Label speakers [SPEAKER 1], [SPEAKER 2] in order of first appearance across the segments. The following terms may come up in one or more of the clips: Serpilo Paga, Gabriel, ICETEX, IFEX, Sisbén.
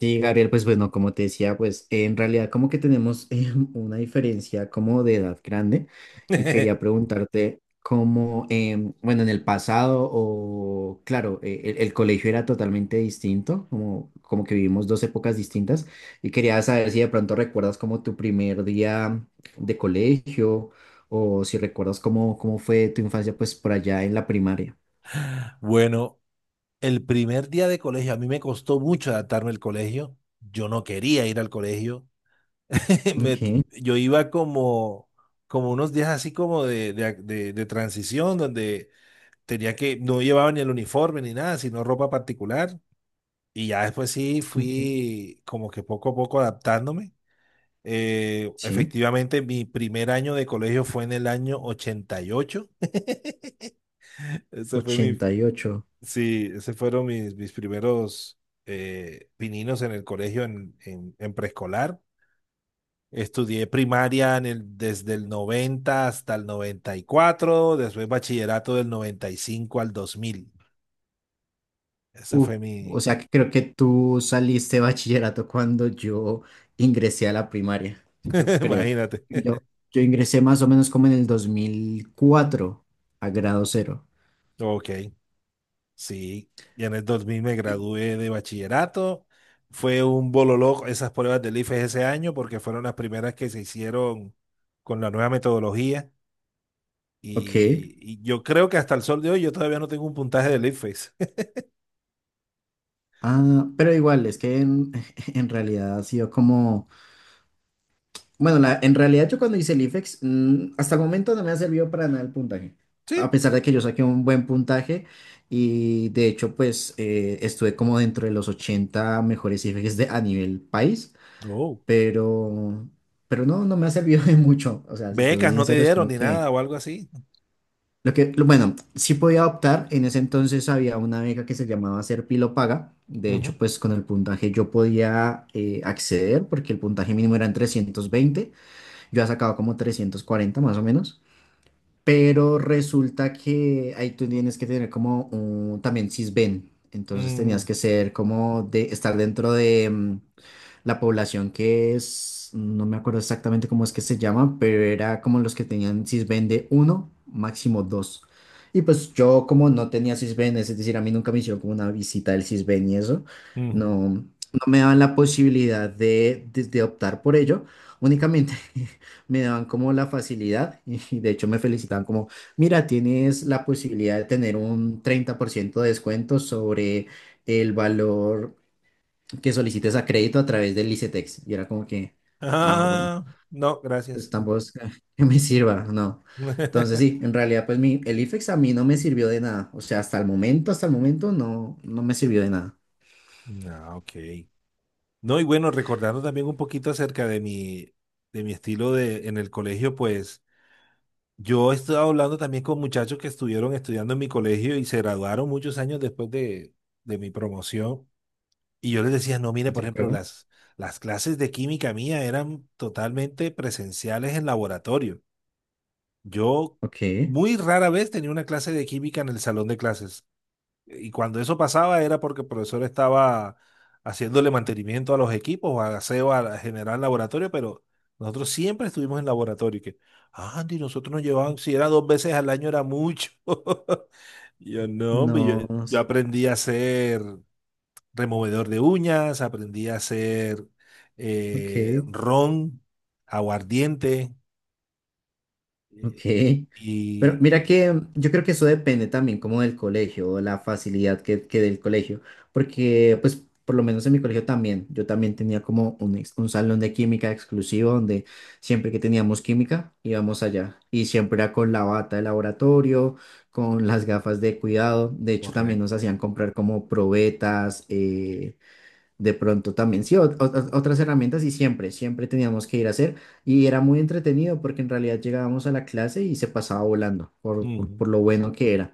[SPEAKER 1] Sí, Gabriel, pues bueno, como te decía, pues en realidad como que tenemos una diferencia como de edad grande y quería preguntarte cómo, bueno, en el pasado o claro, el colegio era totalmente distinto, como, como que vivimos dos épocas distintas y quería saber si de pronto recuerdas como tu primer día de colegio o si recuerdas cómo, cómo fue tu infancia pues por allá en la primaria.
[SPEAKER 2] Bueno, el primer día de colegio, a mí me costó mucho adaptarme al colegio. Yo no quería ir al colegio. Me-
[SPEAKER 1] Ok,
[SPEAKER 2] yo iba como unos días así como de transición, donde tenía que, no llevaba ni el uniforme ni nada, sino ropa particular. Y ya después sí
[SPEAKER 1] ok,
[SPEAKER 2] fui como que poco a poco adaptándome.
[SPEAKER 1] sí,
[SPEAKER 2] Efectivamente, mi primer año de colegio fue en el año 88. Ese fue mi,
[SPEAKER 1] 88.
[SPEAKER 2] Sí, ese fueron mis, primeros pininos en el colegio en preescolar. Estudié primaria en el, desde el 90 hasta el 94. Después bachillerato del 95 al 2000. Esa
[SPEAKER 1] Uf,
[SPEAKER 2] fue
[SPEAKER 1] o
[SPEAKER 2] mi,
[SPEAKER 1] sea que creo que tú saliste de bachillerato cuando yo ingresé a la primaria, yo creo.
[SPEAKER 2] imagínate.
[SPEAKER 1] Yo, yo ingresé más o menos como en el 2004 a grado cero.
[SPEAKER 2] Ok, sí. Y en el 2000 me
[SPEAKER 1] Y-
[SPEAKER 2] gradué de bachillerato. Fue un bololó esas pruebas del IFES ese año porque fueron las primeras que se hicieron con la nueva metodología.
[SPEAKER 1] Ok.
[SPEAKER 2] Y yo creo que hasta el sol de hoy yo todavía no tengo un puntaje de Leadface.
[SPEAKER 1] Ah, pero igual, es que en, en realidad ha sido como... Bueno, la, en realidad yo cuando hice el IFEX, hasta el momento no me ha servido para nada el puntaje. A
[SPEAKER 2] Sí.
[SPEAKER 1] pesar de que yo saqué un buen puntaje y de hecho pues estuve como dentro de los 80 mejores IFEX de, a nivel país.
[SPEAKER 2] Oh.
[SPEAKER 1] pero, pero no, no me ha servido de mucho. O sea, si te soy
[SPEAKER 2] Becas no te
[SPEAKER 1] sincero, es
[SPEAKER 2] dieron
[SPEAKER 1] como
[SPEAKER 2] ni nada
[SPEAKER 1] que
[SPEAKER 2] o algo así.
[SPEAKER 1] lo que, bueno, sí podía optar. En ese entonces había una beca que se llamaba Serpilo Paga. De
[SPEAKER 2] Ujú.
[SPEAKER 1] hecho, pues con el puntaje yo podía acceder porque el puntaje mínimo era en 20. Yo ya sacaba como 340 más o menos. Pero resulta que ahí tú tienes que tener como un, también Sisbén. Entonces tenías
[SPEAKER 2] Mm,
[SPEAKER 1] que ser como de estar dentro de la población que es, no me acuerdo exactamente cómo es que se llaman pero era como los que tenían Sisbén uno, máximo dos. Y pues yo como no tenía Sisbén, es decir, a mí nunca me hicieron como una visita del Sisbén y eso,
[SPEAKER 2] ujú.
[SPEAKER 1] no, no me daban la posibilidad de optar por ello, únicamente me daban como la facilidad y de hecho me felicitaban como, mira, tienes la posibilidad de tener un 30% de descuento sobre el valor que solicites a crédito a través del ICETEX. Y era como que, ah, bueno,
[SPEAKER 2] Ah, no,
[SPEAKER 1] pues
[SPEAKER 2] gracias.
[SPEAKER 1] tampoco es que que me sirva, no. Entonces sí, en realidad pues mi, el IFEX a mí no me sirvió de nada. O sea, hasta el momento no, no me sirvió de nada.
[SPEAKER 2] No, ok. No, y bueno, recordando también un poquito acerca de mi estilo de, en el colegio, pues yo he estado hablando también con muchachos que estuvieron estudiando en mi colegio y se graduaron muchos años después de mi promoción. Y yo les decía, no, mire, por
[SPEAKER 1] ¿De
[SPEAKER 2] ejemplo,
[SPEAKER 1] acuerdo?
[SPEAKER 2] las clases de química mía eran totalmente presenciales en laboratorio. Yo
[SPEAKER 1] Ok,
[SPEAKER 2] muy rara vez tenía una clase de química en el salón de clases. Y cuando eso pasaba era porque el profesor estaba haciéndole mantenimiento a los equipos, o aseo a general laboratorio, pero nosotros siempre estuvimos en laboratorio. Y que, "Ah, Andy, nosotros nos llevaban, si era dos veces al año era mucho." Y yo no, hombre, yo,
[SPEAKER 1] no, no
[SPEAKER 2] yo
[SPEAKER 1] sé.
[SPEAKER 2] aprendí a hacer removedor de uñas, aprendí a hacer
[SPEAKER 1] Ok.
[SPEAKER 2] ron, aguardiente eh,
[SPEAKER 1] Ok, pero
[SPEAKER 2] y...
[SPEAKER 1] mira que yo creo que eso depende también como del colegio, o la facilidad que del colegio, porque pues por lo menos en mi colegio también, yo también tenía como un, un salón de química exclusivo donde siempre que teníamos química íbamos allá y siempre era con la bata de laboratorio, con las gafas de cuidado, de hecho también
[SPEAKER 2] Correcto.
[SPEAKER 1] nos hacían comprar como probetas, de pronto también, sí, otras herramientas y siempre, siempre teníamos que ir a hacer y era muy entretenido porque en realidad llegábamos a la clase y se pasaba volando
[SPEAKER 2] Ujú,
[SPEAKER 1] por lo bueno que era.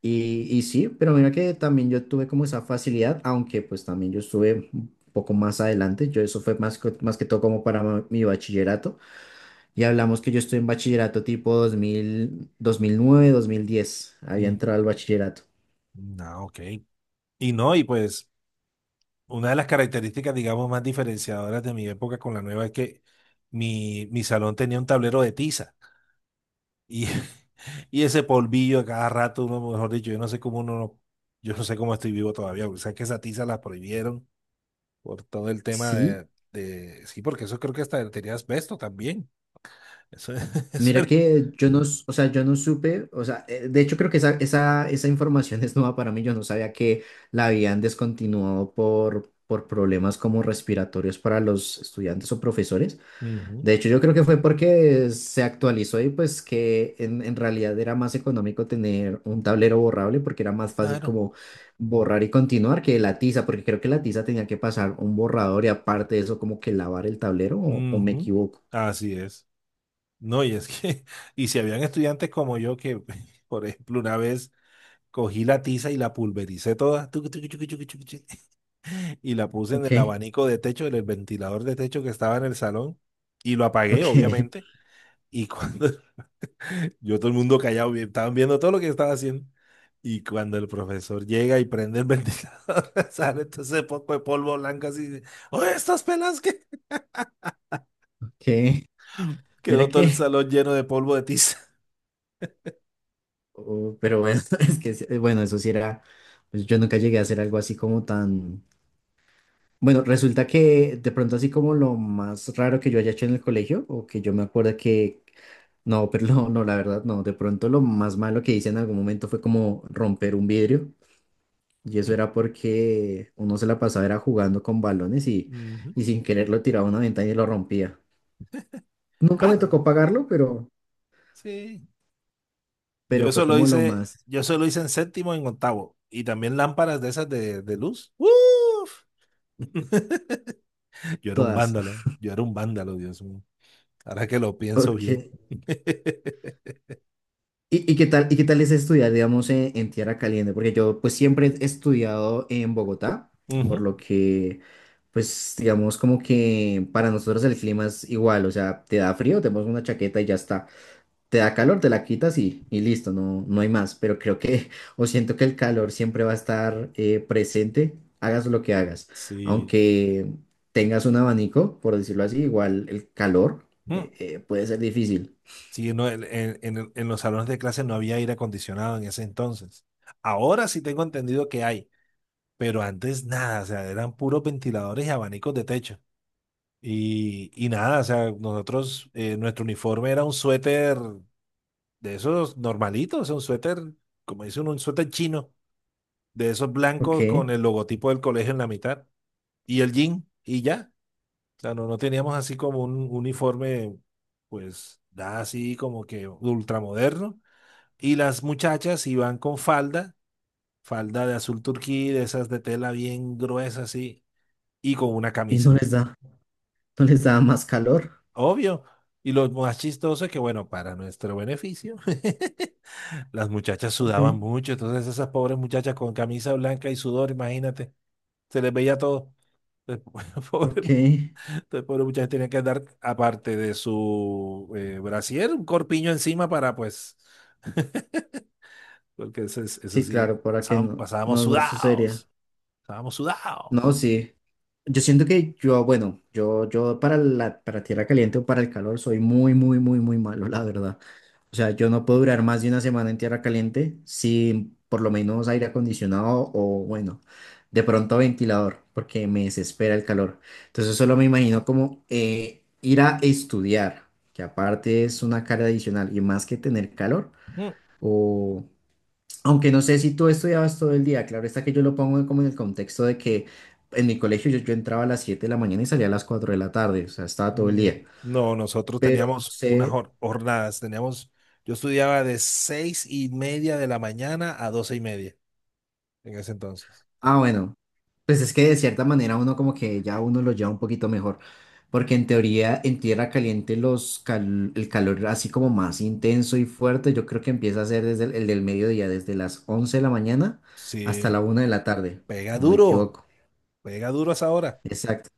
[SPEAKER 1] Y sí, pero mira que también yo tuve como esa facilidad, aunque pues también yo estuve un poco más adelante, yo eso fue más, más que todo como para mi bachillerato y hablamos que yo estoy en bachillerato tipo 2000, 2009, 2010, había entrado al bachillerato.
[SPEAKER 2] ujú. Ah, ok. Y no, y pues una de las características, digamos, más diferenciadoras de mi época con la nueva es que mi salón tenía un tablero de tiza y, y ese polvillo a cada rato, uno, mejor dicho, yo no sé cómo estoy vivo todavía, porque sabes que esa tiza la prohibieron por todo el tema
[SPEAKER 1] Sí.
[SPEAKER 2] sí, porque eso creo que hasta tenía asbesto también. Eso, eso
[SPEAKER 1] Mira
[SPEAKER 2] era.
[SPEAKER 1] que yo no, o sea, yo no supe, o sea, de hecho creo que esa información es nueva para mí, yo no sabía que la habían descontinuado por problemas como respiratorios para los estudiantes o profesores.
[SPEAKER 2] Ujú,
[SPEAKER 1] De hecho, yo creo que fue porque se actualizó y pues que en realidad era más económico tener un tablero borrable porque era más fácil
[SPEAKER 2] claro.
[SPEAKER 1] como borrar y continuar que la tiza, porque creo que la tiza tenía que pasar un borrador y aparte de eso como que lavar el tablero o me
[SPEAKER 2] Ujú,
[SPEAKER 1] equivoco.
[SPEAKER 2] así es. No, y es que, y si habían estudiantes como yo que, por ejemplo, una vez cogí la tiza y la pulvericé toda, tucu, tucu, tucu, tucu, tucu, tucu, y la puse en
[SPEAKER 1] Ok,
[SPEAKER 2] el abanico de techo, en el ventilador de techo que estaba en el salón, y lo apagué,
[SPEAKER 1] ok,
[SPEAKER 2] obviamente, y cuando Yo todo el mundo callado, estaban viendo todo lo que estaba haciendo. Y cuando el profesor llega y prende el ventilador, sale entonces poco de polvo blanco así. De, oye, estas pelas que
[SPEAKER 1] ok. Mira
[SPEAKER 2] quedó todo el
[SPEAKER 1] que,
[SPEAKER 2] salón lleno de polvo de tiza.
[SPEAKER 1] oh, pero bueno, es que, sí, bueno, eso sí era, pues yo nunca llegué a hacer algo así como tan, bueno, resulta que de pronto así como lo más raro que yo haya hecho en el colegio, o que yo me acuerdo que, no, pero no, no, la verdad, no, de pronto lo más malo que hice en algún momento fue como romper un vidrio, y eso era porque uno se la pasaba era jugando con balones
[SPEAKER 2] Ujú.
[SPEAKER 1] y sin querer lo tiraba a una ventana y lo rompía. Nunca
[SPEAKER 2] Ah,
[SPEAKER 1] me
[SPEAKER 2] no,
[SPEAKER 1] tocó pagarlo,
[SPEAKER 2] sí. Yo
[SPEAKER 1] pero fue
[SPEAKER 2] eso lo
[SPEAKER 1] como lo
[SPEAKER 2] hice,
[SPEAKER 1] más,
[SPEAKER 2] yo eso lo hice en séptimo y en octavo. Y también lámparas de esas de luz. ¡Uf! Yo era un
[SPEAKER 1] todas,
[SPEAKER 2] vándalo, yo era un vándalo, Dios mío. Ahora que lo pienso
[SPEAKER 1] ok.
[SPEAKER 2] bien.
[SPEAKER 1] Y qué tal es estudiar, digamos, en tierra caliente? Porque yo, pues, siempre he estudiado en Bogotá, por
[SPEAKER 2] Ujú.
[SPEAKER 1] lo que, pues, digamos, como que para nosotros el clima es igual, o sea, te da frío, te pones una chaqueta y ya está. Te da calor, te la quitas y listo, no, no hay más. Pero creo que, o siento que el calor siempre va a estar presente, hagas lo que hagas.
[SPEAKER 2] Sí.
[SPEAKER 1] Aunque tengas un abanico, por decirlo así, igual el calor
[SPEAKER 2] Mm.
[SPEAKER 1] puede ser difícil.
[SPEAKER 2] Sí, no, en, en los salones de clase no había aire acondicionado en ese entonces. Ahora sí tengo entendido que hay, pero antes nada, o sea, eran puros ventiladores y abanicos de techo. Y nada, o sea, nosotros, nuestro uniforme era un suéter de esos normalitos, o sea, un suéter, como dice uno, un suéter chino, de esos blancos
[SPEAKER 1] Ok,
[SPEAKER 2] con el logotipo del colegio en la mitad y el jean, y ya. O sea, no, no teníamos así como un uniforme, pues, nada así como que ultramoderno. Y las muchachas iban con falda, falda de azul turquí, de esas de tela bien gruesa así, y con una
[SPEAKER 1] y no
[SPEAKER 2] camisa.
[SPEAKER 1] les da. No les daba más calor.
[SPEAKER 2] Obvio. Y lo más chistoso es que, bueno, para nuestro beneficio, las muchachas
[SPEAKER 1] Ok,
[SPEAKER 2] sudaban mucho. Entonces esas pobres muchachas con camisa blanca y sudor, imagínate, se les veía todo. Entonces, pobre,
[SPEAKER 1] ok.
[SPEAKER 2] entonces, pobre muchachas tenían que andar, aparte de su brasier, un corpiño encima para, pues, porque eso, eso
[SPEAKER 1] Sí,
[SPEAKER 2] sí,
[SPEAKER 1] claro, para que no,
[SPEAKER 2] pasábamos
[SPEAKER 1] no, no sucedería.
[SPEAKER 2] sudados. Estábamos
[SPEAKER 1] No,
[SPEAKER 2] sudados.
[SPEAKER 1] sí. Yo siento que yo, bueno, yo para la, para tierra caliente o para el calor soy muy, muy, muy, muy malo, la verdad. O sea, yo no puedo durar más de una semana en tierra caliente sin por lo menos aire acondicionado o, bueno, de pronto ventilador, porque me desespera el calor. Entonces solo me imagino como ir a estudiar, que aparte es una carga adicional y más que tener calor.
[SPEAKER 2] Mm.
[SPEAKER 1] O, aunque no sé si tú estudiabas todo el día, claro está que yo lo pongo como en el contexto de que en mi colegio yo, yo entraba a las 7 de la mañana y salía a las 4 de la tarde, o sea, estaba todo el
[SPEAKER 2] Mm,
[SPEAKER 1] día.
[SPEAKER 2] no, nosotros
[SPEAKER 1] Pero no
[SPEAKER 2] teníamos unas
[SPEAKER 1] sé,
[SPEAKER 2] jornadas, teníamos, yo estudiaba de 6:30 de la mañana a 12:30 en ese entonces.
[SPEAKER 1] ah, bueno, pues es que de cierta manera uno como que ya uno lo lleva un poquito mejor, porque en teoría en tierra caliente los el calor así como más intenso y fuerte, yo creo que empieza a ser desde el del mediodía, desde las 11 de la mañana hasta
[SPEAKER 2] Sí,
[SPEAKER 1] la 1 de la tarde,
[SPEAKER 2] pega
[SPEAKER 1] no me
[SPEAKER 2] duro,
[SPEAKER 1] equivoco.
[SPEAKER 2] pega duro a esa hora.
[SPEAKER 1] Exacto.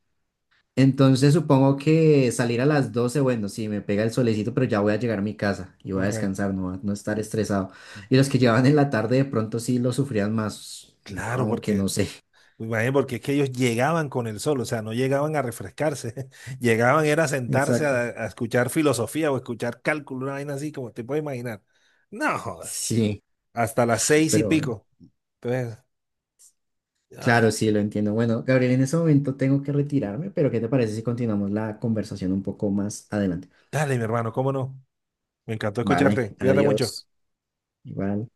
[SPEAKER 1] Entonces supongo que salir a las 12, bueno, sí, me pega el solecito, pero ya voy a llegar a mi casa y voy a
[SPEAKER 2] Correcto.
[SPEAKER 1] descansar, no, no estar estresado. Y los que llevaban en la tarde de pronto sí lo sufrían más,
[SPEAKER 2] Claro,
[SPEAKER 1] aunque no
[SPEAKER 2] porque,
[SPEAKER 1] sé.
[SPEAKER 2] pues, imagínate, porque es que ellos llegaban con el sol, o sea, no llegaban a refrescarse, llegaban era a sentarse
[SPEAKER 1] Exacto.
[SPEAKER 2] a escuchar filosofía o escuchar cálculo, una vaina así como te puedes imaginar. No jodas,
[SPEAKER 1] Sí,
[SPEAKER 2] hasta las seis y
[SPEAKER 1] pero bueno,
[SPEAKER 2] pico. Entonces,
[SPEAKER 1] claro,
[SPEAKER 2] ah,
[SPEAKER 1] sí, lo entiendo. Bueno, Gabriel, en ese momento tengo que retirarme, pero ¿qué te parece si continuamos la conversación un poco más adelante?
[SPEAKER 2] dale, mi hermano, cómo no. Me encantó
[SPEAKER 1] Vale,
[SPEAKER 2] escucharte. Cuídate mucho.
[SPEAKER 1] adiós. Igual.